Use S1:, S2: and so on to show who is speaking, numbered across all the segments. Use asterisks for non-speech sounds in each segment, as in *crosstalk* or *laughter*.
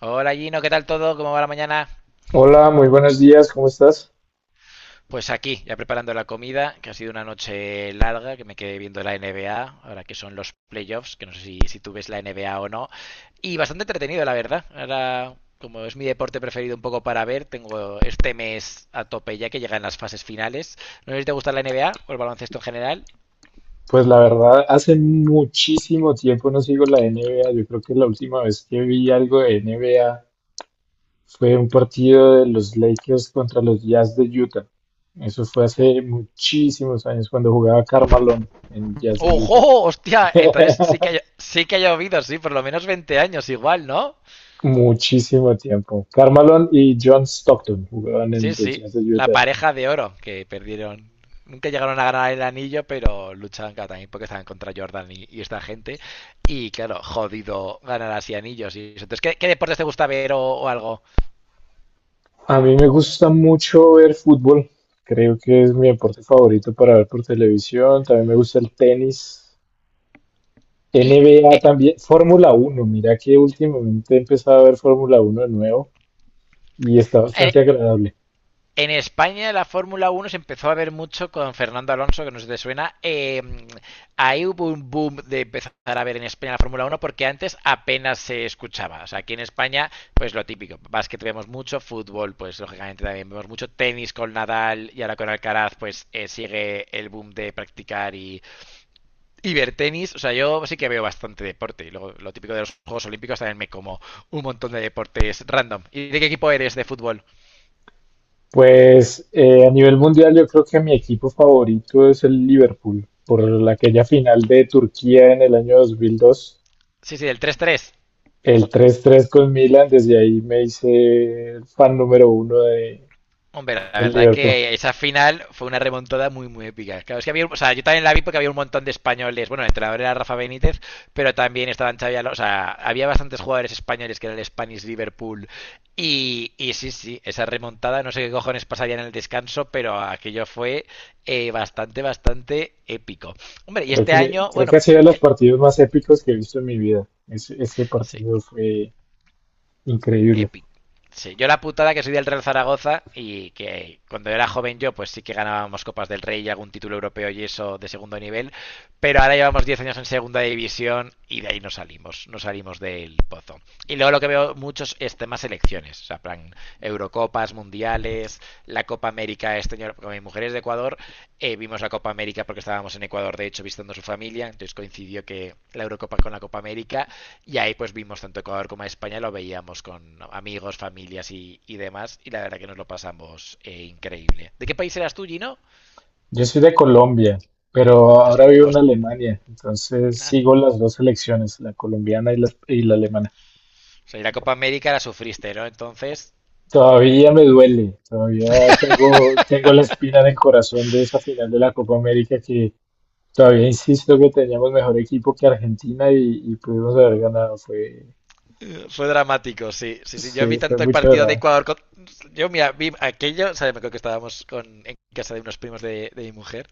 S1: Hola Gino, ¿qué tal todo? ¿Cómo va la mañana?
S2: Hola, muy buenos días, ¿cómo estás?
S1: Pues aquí, ya preparando la comida, que ha sido una noche larga, que me quedé viendo la NBA, ahora que son los playoffs, que no sé si tú ves la NBA o no, y bastante entretenido, la verdad. Ahora, como es mi deporte preferido un poco para ver, tengo este mes a tope ya que llegan las fases finales. No sé si te gusta la NBA o el baloncesto en general.
S2: Pues la verdad, hace muchísimo tiempo no sigo la NBA. Yo creo que la última vez que vi algo de NBA fue un partido de los Lakers contra los Jazz de Utah. Eso fue
S1: Jo-
S2: hace muchísimos años cuando jugaba Carmelo en Jazz de Utah.
S1: ¡Ojo! ¡Hostia! Entonces
S2: *laughs*
S1: sí que ha llovido, sí, por lo menos 20 años igual, ¿no?
S2: Muchísimo tiempo. Carmelo y John Stockton jugaban en
S1: Sí,
S2: los
S1: sí.
S2: Jazz de
S1: La
S2: Utah.
S1: pareja de oro que perdieron. Nunca llegaron a ganar el anillo, pero luchaban cada también porque estaban contra Jordan y esta gente. Y claro, jodido ganar así anillos. Y eso. Entonces, ¿qué deportes te gusta ver o algo?
S2: A mí me gusta mucho ver fútbol. Creo que es mi deporte favorito para ver por televisión. También me gusta el tenis.
S1: Y
S2: NBA
S1: eh,
S2: también. Fórmula Uno. Mira que últimamente he empezado a ver Fórmula Uno de nuevo y está
S1: eh,
S2: bastante agradable.
S1: En España la Fórmula Uno se empezó a ver mucho con Fernando Alonso, que no sé si te suena. Ahí hubo un boom de empezar a ver en España la Fórmula Uno porque antes apenas se escuchaba. O sea, aquí en España, pues lo típico. Básquet vemos mucho, fútbol, pues lógicamente también vemos mucho, tenis con Nadal y ahora con Alcaraz, pues sigue el boom de practicar y ver tenis. O sea, yo sí que veo bastante deporte. Y luego lo típico de los Juegos Olímpicos también me como un montón de deportes random. ¿Y de qué equipo eres de fútbol?
S2: Pues a nivel mundial yo creo que mi equipo favorito es el Liverpool. Aquella final de Turquía en el año 2002.
S1: Sí, sí, del 3-3.
S2: El 3-3 con Milan. Desde ahí me hice fan número uno
S1: Hombre, la
S2: del
S1: verdad es
S2: Liverpool.
S1: que esa final fue una remontada muy, muy épica. Claro, es que había, o sea, yo también la vi porque había un montón de españoles. Bueno, el entrenador era Rafa Benítez, pero también estaban Xavi Alonso. O sea, había bastantes jugadores españoles que era el Spanish Liverpool. Y sí, sí, esa remontada, no sé qué cojones pasaría en el descanso, pero aquello fue bastante, bastante épico. Hombre, y este año,
S2: Creo que
S1: bueno,
S2: ha sido de los
S1: eh,
S2: partidos más épicos que he visto en mi vida. Ese
S1: sí,
S2: partido fue increíble.
S1: Epic. Sí, yo la putada que soy del Real Zaragoza y que cuando era joven yo, pues sí que ganábamos Copas del Rey y algún título europeo y eso de segundo nivel, pero ahora llevamos 10 años en segunda división y de ahí no salimos, no salimos del pozo. Y luego lo que veo muchos es temas elecciones, o sea, plan Eurocopas, Mundiales, la Copa América este año, con mi mujer es de Ecuador, vimos la Copa América porque estábamos en Ecuador, de hecho, visitando a su familia, entonces coincidió que la Eurocopa con la Copa América y ahí pues vimos tanto Ecuador como España, lo veíamos con amigos, familias y demás, y la verdad que nos lo pasamos increíble. ¿De qué país eras tú, Gino?
S2: Yo soy de Colombia, pero ahora
S1: Entonces,
S2: vivo en
S1: os-
S2: Alemania, entonces
S1: ah,
S2: sigo las dos selecciones, la colombiana y y la alemana.
S1: o sea, y la Copa América la sufriste, ¿no? Entonces,
S2: Todavía me duele, todavía tengo, tengo la espina en el corazón de esa final de la Copa América que todavía insisto que teníamos mejor equipo que Argentina y pudimos haber ganado.
S1: fue dramático, sí, sí, sí. Yo
S2: Sí,
S1: vi
S2: fue
S1: tanto el
S2: mucho
S1: partido de
S2: drama.
S1: Ecuador, yo mira, vi aquello, o sea, me acuerdo que estábamos con, en casa de unos primos de mi mujer,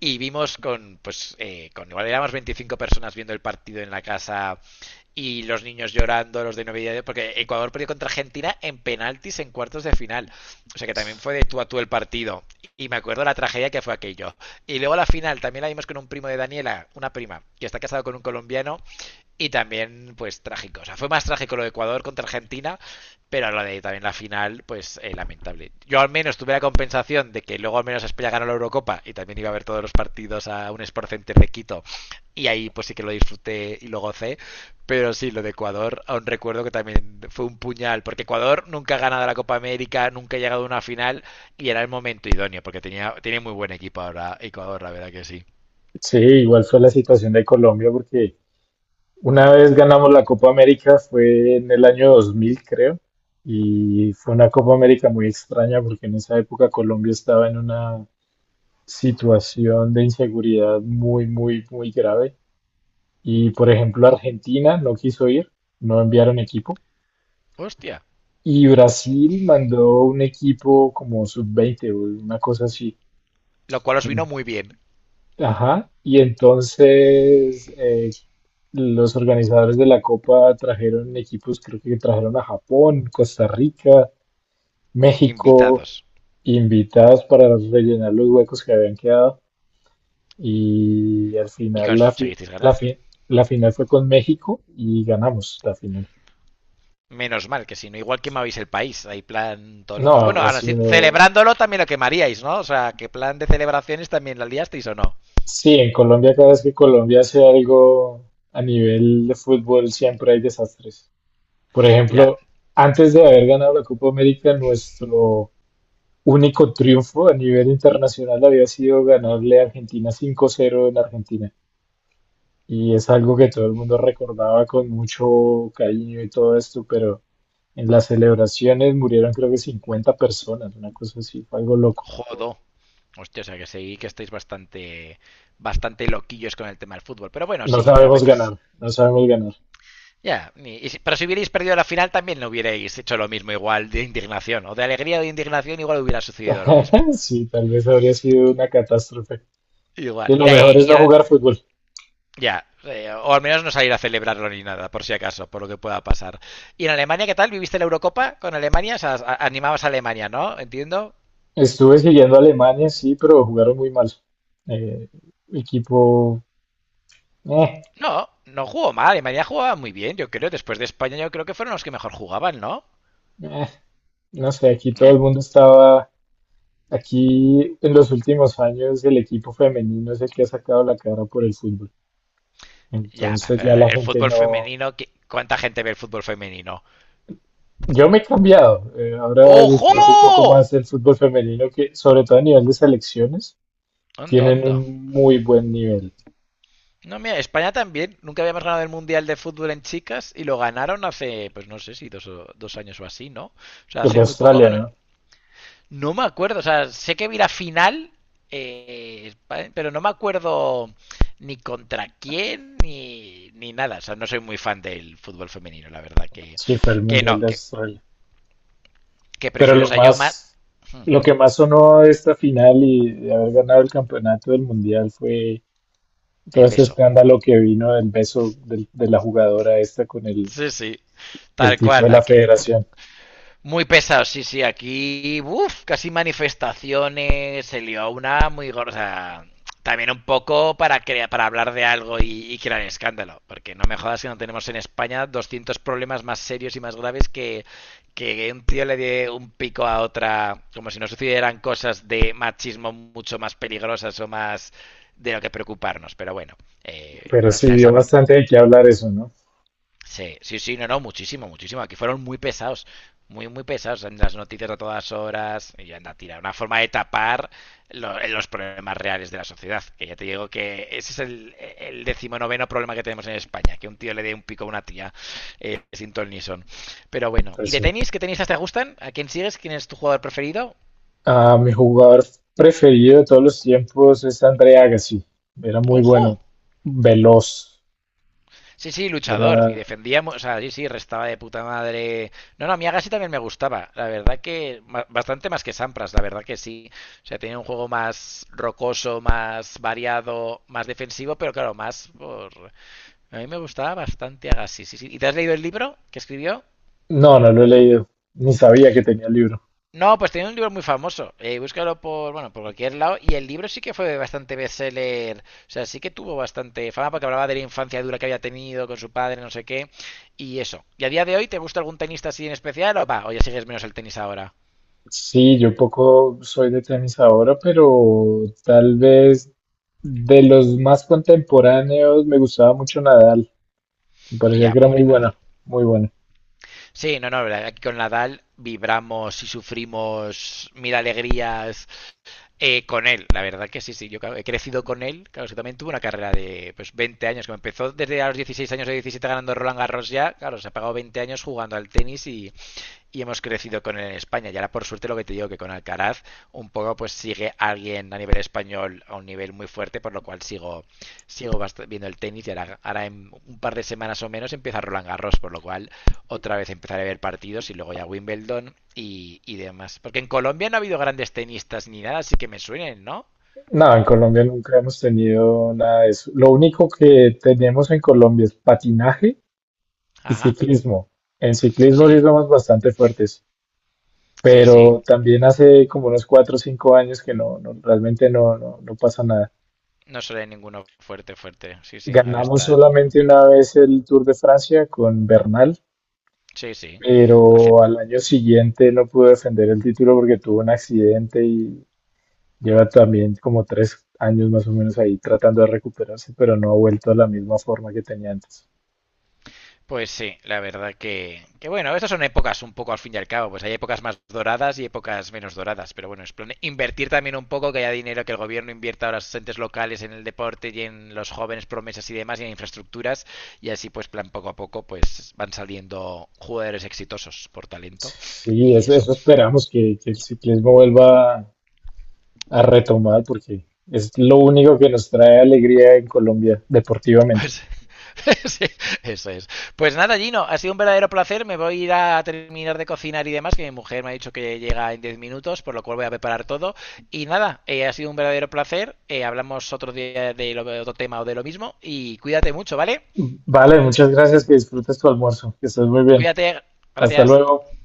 S1: y vimos con, pues, con igual éramos 25 personas viendo el partido en la casa y los niños llorando, los de novedad, porque Ecuador perdió contra Argentina en penaltis en cuartos de final. O sea que también fue de tú a tú el partido. Y me acuerdo la tragedia que fue aquello. Y luego la final también la vimos con un primo de Daniela, una prima, que está casado con un colombiano y también, pues, trágico. O sea, fue más trágico lo de Ecuador contra Argentina, pero lo de también la final, pues, lamentable. Yo al menos tuve la compensación de que luego al menos España ganó la Eurocopa y también iba a ver todos los partidos a un Sport Center de Quito. Y ahí, pues, sí que lo disfruté y lo gocé. Pero sí, lo de Ecuador, aún recuerdo que también fue un puñal, porque Ecuador nunca ha ganado la Copa América, nunca ha llegado a una final y era el momento idóneo, porque tenía muy buen equipo ahora Ecuador, la verdad que sí.
S2: Sí, igual fue la situación de Colombia porque una vez ganamos la Copa América, fue en el año 2000, creo, y fue una Copa América muy extraña porque en esa época Colombia estaba en una situación de inseguridad muy, muy, muy grave. Y por ejemplo, Argentina no quiso ir, no enviaron equipo.
S1: Hostia,
S2: Y Brasil mandó un equipo como sub-20 o una cosa así.
S1: lo cual os vino
S2: En-
S1: muy bien.
S2: Ajá. Y entonces los organizadores de la Copa trajeron equipos, creo que trajeron a Japón, Costa Rica, México,
S1: Invitados.
S2: invitados para rellenar los huecos que habían quedado. Y al
S1: Y
S2: final
S1: conseguisteis ganar.
S2: la final fue con México y ganamos la final.
S1: Menos mal que si no, igual quemabais el país, ahí plan todo
S2: No,
S1: locos. Bueno,
S2: habría
S1: ahora sí,
S2: sido...
S1: celebrándolo también lo quemaríais, ¿no? O sea, que plan de celebraciones también la liasteis o no.
S2: Sí, en Colombia cada vez que Colombia hace algo a nivel de fútbol siempre hay desastres. Por
S1: Ya,
S2: ejemplo, antes de haber ganado la Copa América, nuestro único triunfo a nivel internacional había sido ganarle a Argentina 5-0 en Argentina. Y es algo que todo el mundo recordaba con mucho cariño y todo esto, pero en las celebraciones murieron creo que 50 personas, una cosa así, fue algo loco.
S1: jodo. Hostia, o sea que seguí que estáis bastante bastante loquillos con el tema del fútbol. Pero bueno,
S2: No
S1: sí, a
S2: sabemos ganar,
S1: veces.
S2: no sabemos ganar.
S1: Ya. Pero si hubierais perdido la final también no hubierais hecho lo mismo, igual de indignación. O de alegría o de indignación, igual hubiera sucedido lo mismo.
S2: *laughs* Sí, tal vez habría sido una catástrofe. Y
S1: Igual. Y,
S2: lo
S1: la-
S2: mejor es
S1: y
S2: no jugar fútbol.
S1: Ya, o al menos no salir a celebrarlo ni nada, por si acaso, por lo que pueda pasar. ¿Y en Alemania qué tal? ¿Viviste la Eurocopa con Alemania? O sea, animabas a Alemania, ¿no? Entiendo.
S2: Estuve siguiendo a Alemania, sí, pero jugaron muy mal. Eh, equipo... eh,
S1: No, no jugó mal. Alemania jugaba muy bien, yo creo. Después de España, yo creo que fueron los que mejor jugaban, ¿no?
S2: eh. No sé, aquí todo
S1: Eh,
S2: el mundo estaba, aquí en los últimos años el equipo femenino es el que ha sacado la cara por el fútbol.
S1: ya,
S2: Entonces ya
S1: pero
S2: la
S1: el
S2: gente
S1: fútbol
S2: no...
S1: femenino, ¿cuánta gente ve el fútbol femenino?
S2: Yo me he cambiado, ahora disfruto un poco más
S1: ¡Ojo!
S2: del fútbol femenino que sobre todo a nivel de selecciones
S1: Onda,
S2: tienen
S1: onda.
S2: un muy buen nivel.
S1: No, mira, España también. Nunca habíamos ganado el Mundial de Fútbol en chicas y lo ganaron hace, pues no sé si dos años o así, ¿no? O sea,
S2: ¿El de
S1: hace muy poco
S2: Australia,
S1: ganó.
S2: no?
S1: No me acuerdo, o sea, sé que vi la final, eh, pero no me acuerdo ni contra quién ni nada. O sea, no soy muy fan del fútbol femenino, la verdad. Que,
S2: Sí, fue el
S1: que
S2: Mundial de
S1: no, que,
S2: Australia.
S1: que
S2: Pero
S1: prefiero, o sea, yo más. Hmm,
S2: lo que más sonó de esta final y de haber ganado el campeonato del Mundial fue todo
S1: El
S2: este
S1: beso.
S2: escándalo que vino del de la jugadora esta con
S1: Sí, sí,
S2: el
S1: tal
S2: tipo
S1: cual.
S2: de la
S1: Aquí,
S2: federación.
S1: muy pesado, sí, sí, aquí, uff, casi manifestaciones, se lió una muy gorda. También un poco para, para hablar de algo y crear escándalo, porque no me jodas que no tenemos en España 200 problemas más serios y más graves que un tío le dé un pico a otra, como si no sucedieran cosas de machismo mucho más peligrosas o más de lo que preocuparnos. Pero bueno,
S2: Pero
S1: al
S2: sí
S1: final se
S2: dio
S1: habló.
S2: bastante de qué hablar eso, ¿no?
S1: Sí, sí, sí, no, no, muchísimo, muchísimo. Aquí fueron muy pesados, muy, muy pesados en las noticias a todas horas. Y anda, tira, una forma de tapar los problemas reales de la sociedad. Que ya te digo que ese es el decimonoveno problema que tenemos en España, que un tío le dé un pico a una tía sin ton ni son. Pero bueno, ¿y
S2: Pues
S1: de
S2: sí.
S1: tenis? ¿Qué tenistas te gustan? ¿A quién sigues? ¿Quién es tu jugador preferido?
S2: Ah, mi jugador preferido de todos los tiempos es André Agassi. Era muy bueno,
S1: ¡Ojo!
S2: veloz.
S1: Sí, sí, luchador. Y
S2: Era...
S1: defendíamos, o sea, sí, sí, restaba de puta madre. No, no, Miyagashi también me gustaba. La verdad que bastante más que Sampras, la verdad que sí. O sea, tenía un juego más rocoso, más variado, más defensivo, pero claro, más por. A mí me gustaba bastante Agashi, sí, sí. ¿Y te has leído el libro que escribió?
S2: No, no lo he leído. Ni sabía que tenía el libro.
S1: No, pues tenía un libro muy famoso. Búscalo por, bueno, por cualquier lado. Y el libro sí que fue bastante bestseller. O sea, sí que tuvo bastante fama porque hablaba de la infancia dura que había tenido con su padre, no sé qué. Y eso. ¿Y a día de hoy te gusta algún tenista así en especial? O va, o ya sigues menos el tenis ahora.
S2: Sí, yo poco soy de tenis ahora, pero tal vez de los más contemporáneos me gustaba mucho Nadal. Me parecía que
S1: Ya,
S2: era muy
S1: pobre
S2: bueno,
S1: Nadal.
S2: muy bueno.
S1: Sí, no, no, aquí con Nadal vibramos y sufrimos mil alegrías. Con él, la verdad que sí, sí, yo claro, he crecido con él, claro, que también tuvo una carrera de pues 20 años, que me empezó desde a los 16 años o 17 ganando Roland Garros ya, claro, se ha pagado 20 años jugando al tenis y hemos crecido con él en España. Y ahora, por suerte, lo que te digo, que con Alcaraz, un poco pues sigue alguien a nivel español a un nivel muy fuerte, por lo cual sigo viendo el tenis. Y ahora, en un par de semanas o menos empieza Roland Garros, por lo cual otra vez empezaré a ver partidos y luego ya Wimbledon y demás. Porque en Colombia no ha habido grandes tenistas ni nada, así que me suenen, ¿no?
S2: No, en Colombia nunca hemos tenido nada de eso. Lo único que tenemos en Colombia es patinaje y
S1: Ajá.
S2: ciclismo. En ciclismo sí
S1: Sí,
S2: somos bastante fuertes,
S1: sí, sí.
S2: pero también hace como unos 4 o 5 años que realmente no, no, no pasa nada.
S1: No suele ninguno fuerte, fuerte. Sí, sí, ahora
S2: Ganamos
S1: están.
S2: solamente una vez el Tour de Francia con Bernal,
S1: Sí, sí. Hace
S2: pero al año siguiente no pudo defender el título porque tuvo un accidente y lleva también como 3 años más o menos ahí tratando de recuperarse, pero no ha vuelto a la misma forma que tenía antes.
S1: Pues sí, la verdad que bueno, estas son épocas un poco al fin y al cabo, pues hay épocas más doradas y épocas menos doradas, pero bueno, es plan invertir también un poco, que haya dinero que el gobierno invierta a los entes locales en el deporte y en los jóvenes promesas y demás y en infraestructuras y así pues plan poco a poco pues van saliendo jugadores exitosos por talento
S2: Sí,
S1: y eso.
S2: eso esperamos que el ciclismo vuelva a retomar porque es lo único que nos trae alegría en Colombia deportivamente.
S1: Pues *laughs* sí, eso es. Pues nada, Gino, ha sido un verdadero placer. Me voy a ir a terminar de cocinar y demás, que mi mujer me ha dicho que llega en 10 minutos, por lo cual voy a preparar todo. Y nada, ha sido un verdadero placer. Hablamos otro día de, lo, de otro tema o de lo mismo. Y cuídate mucho, ¿vale?
S2: Vale, muchas gracias, que disfrutes tu almuerzo, que estés muy bien.
S1: Cuídate,
S2: Hasta
S1: gracias.
S2: luego.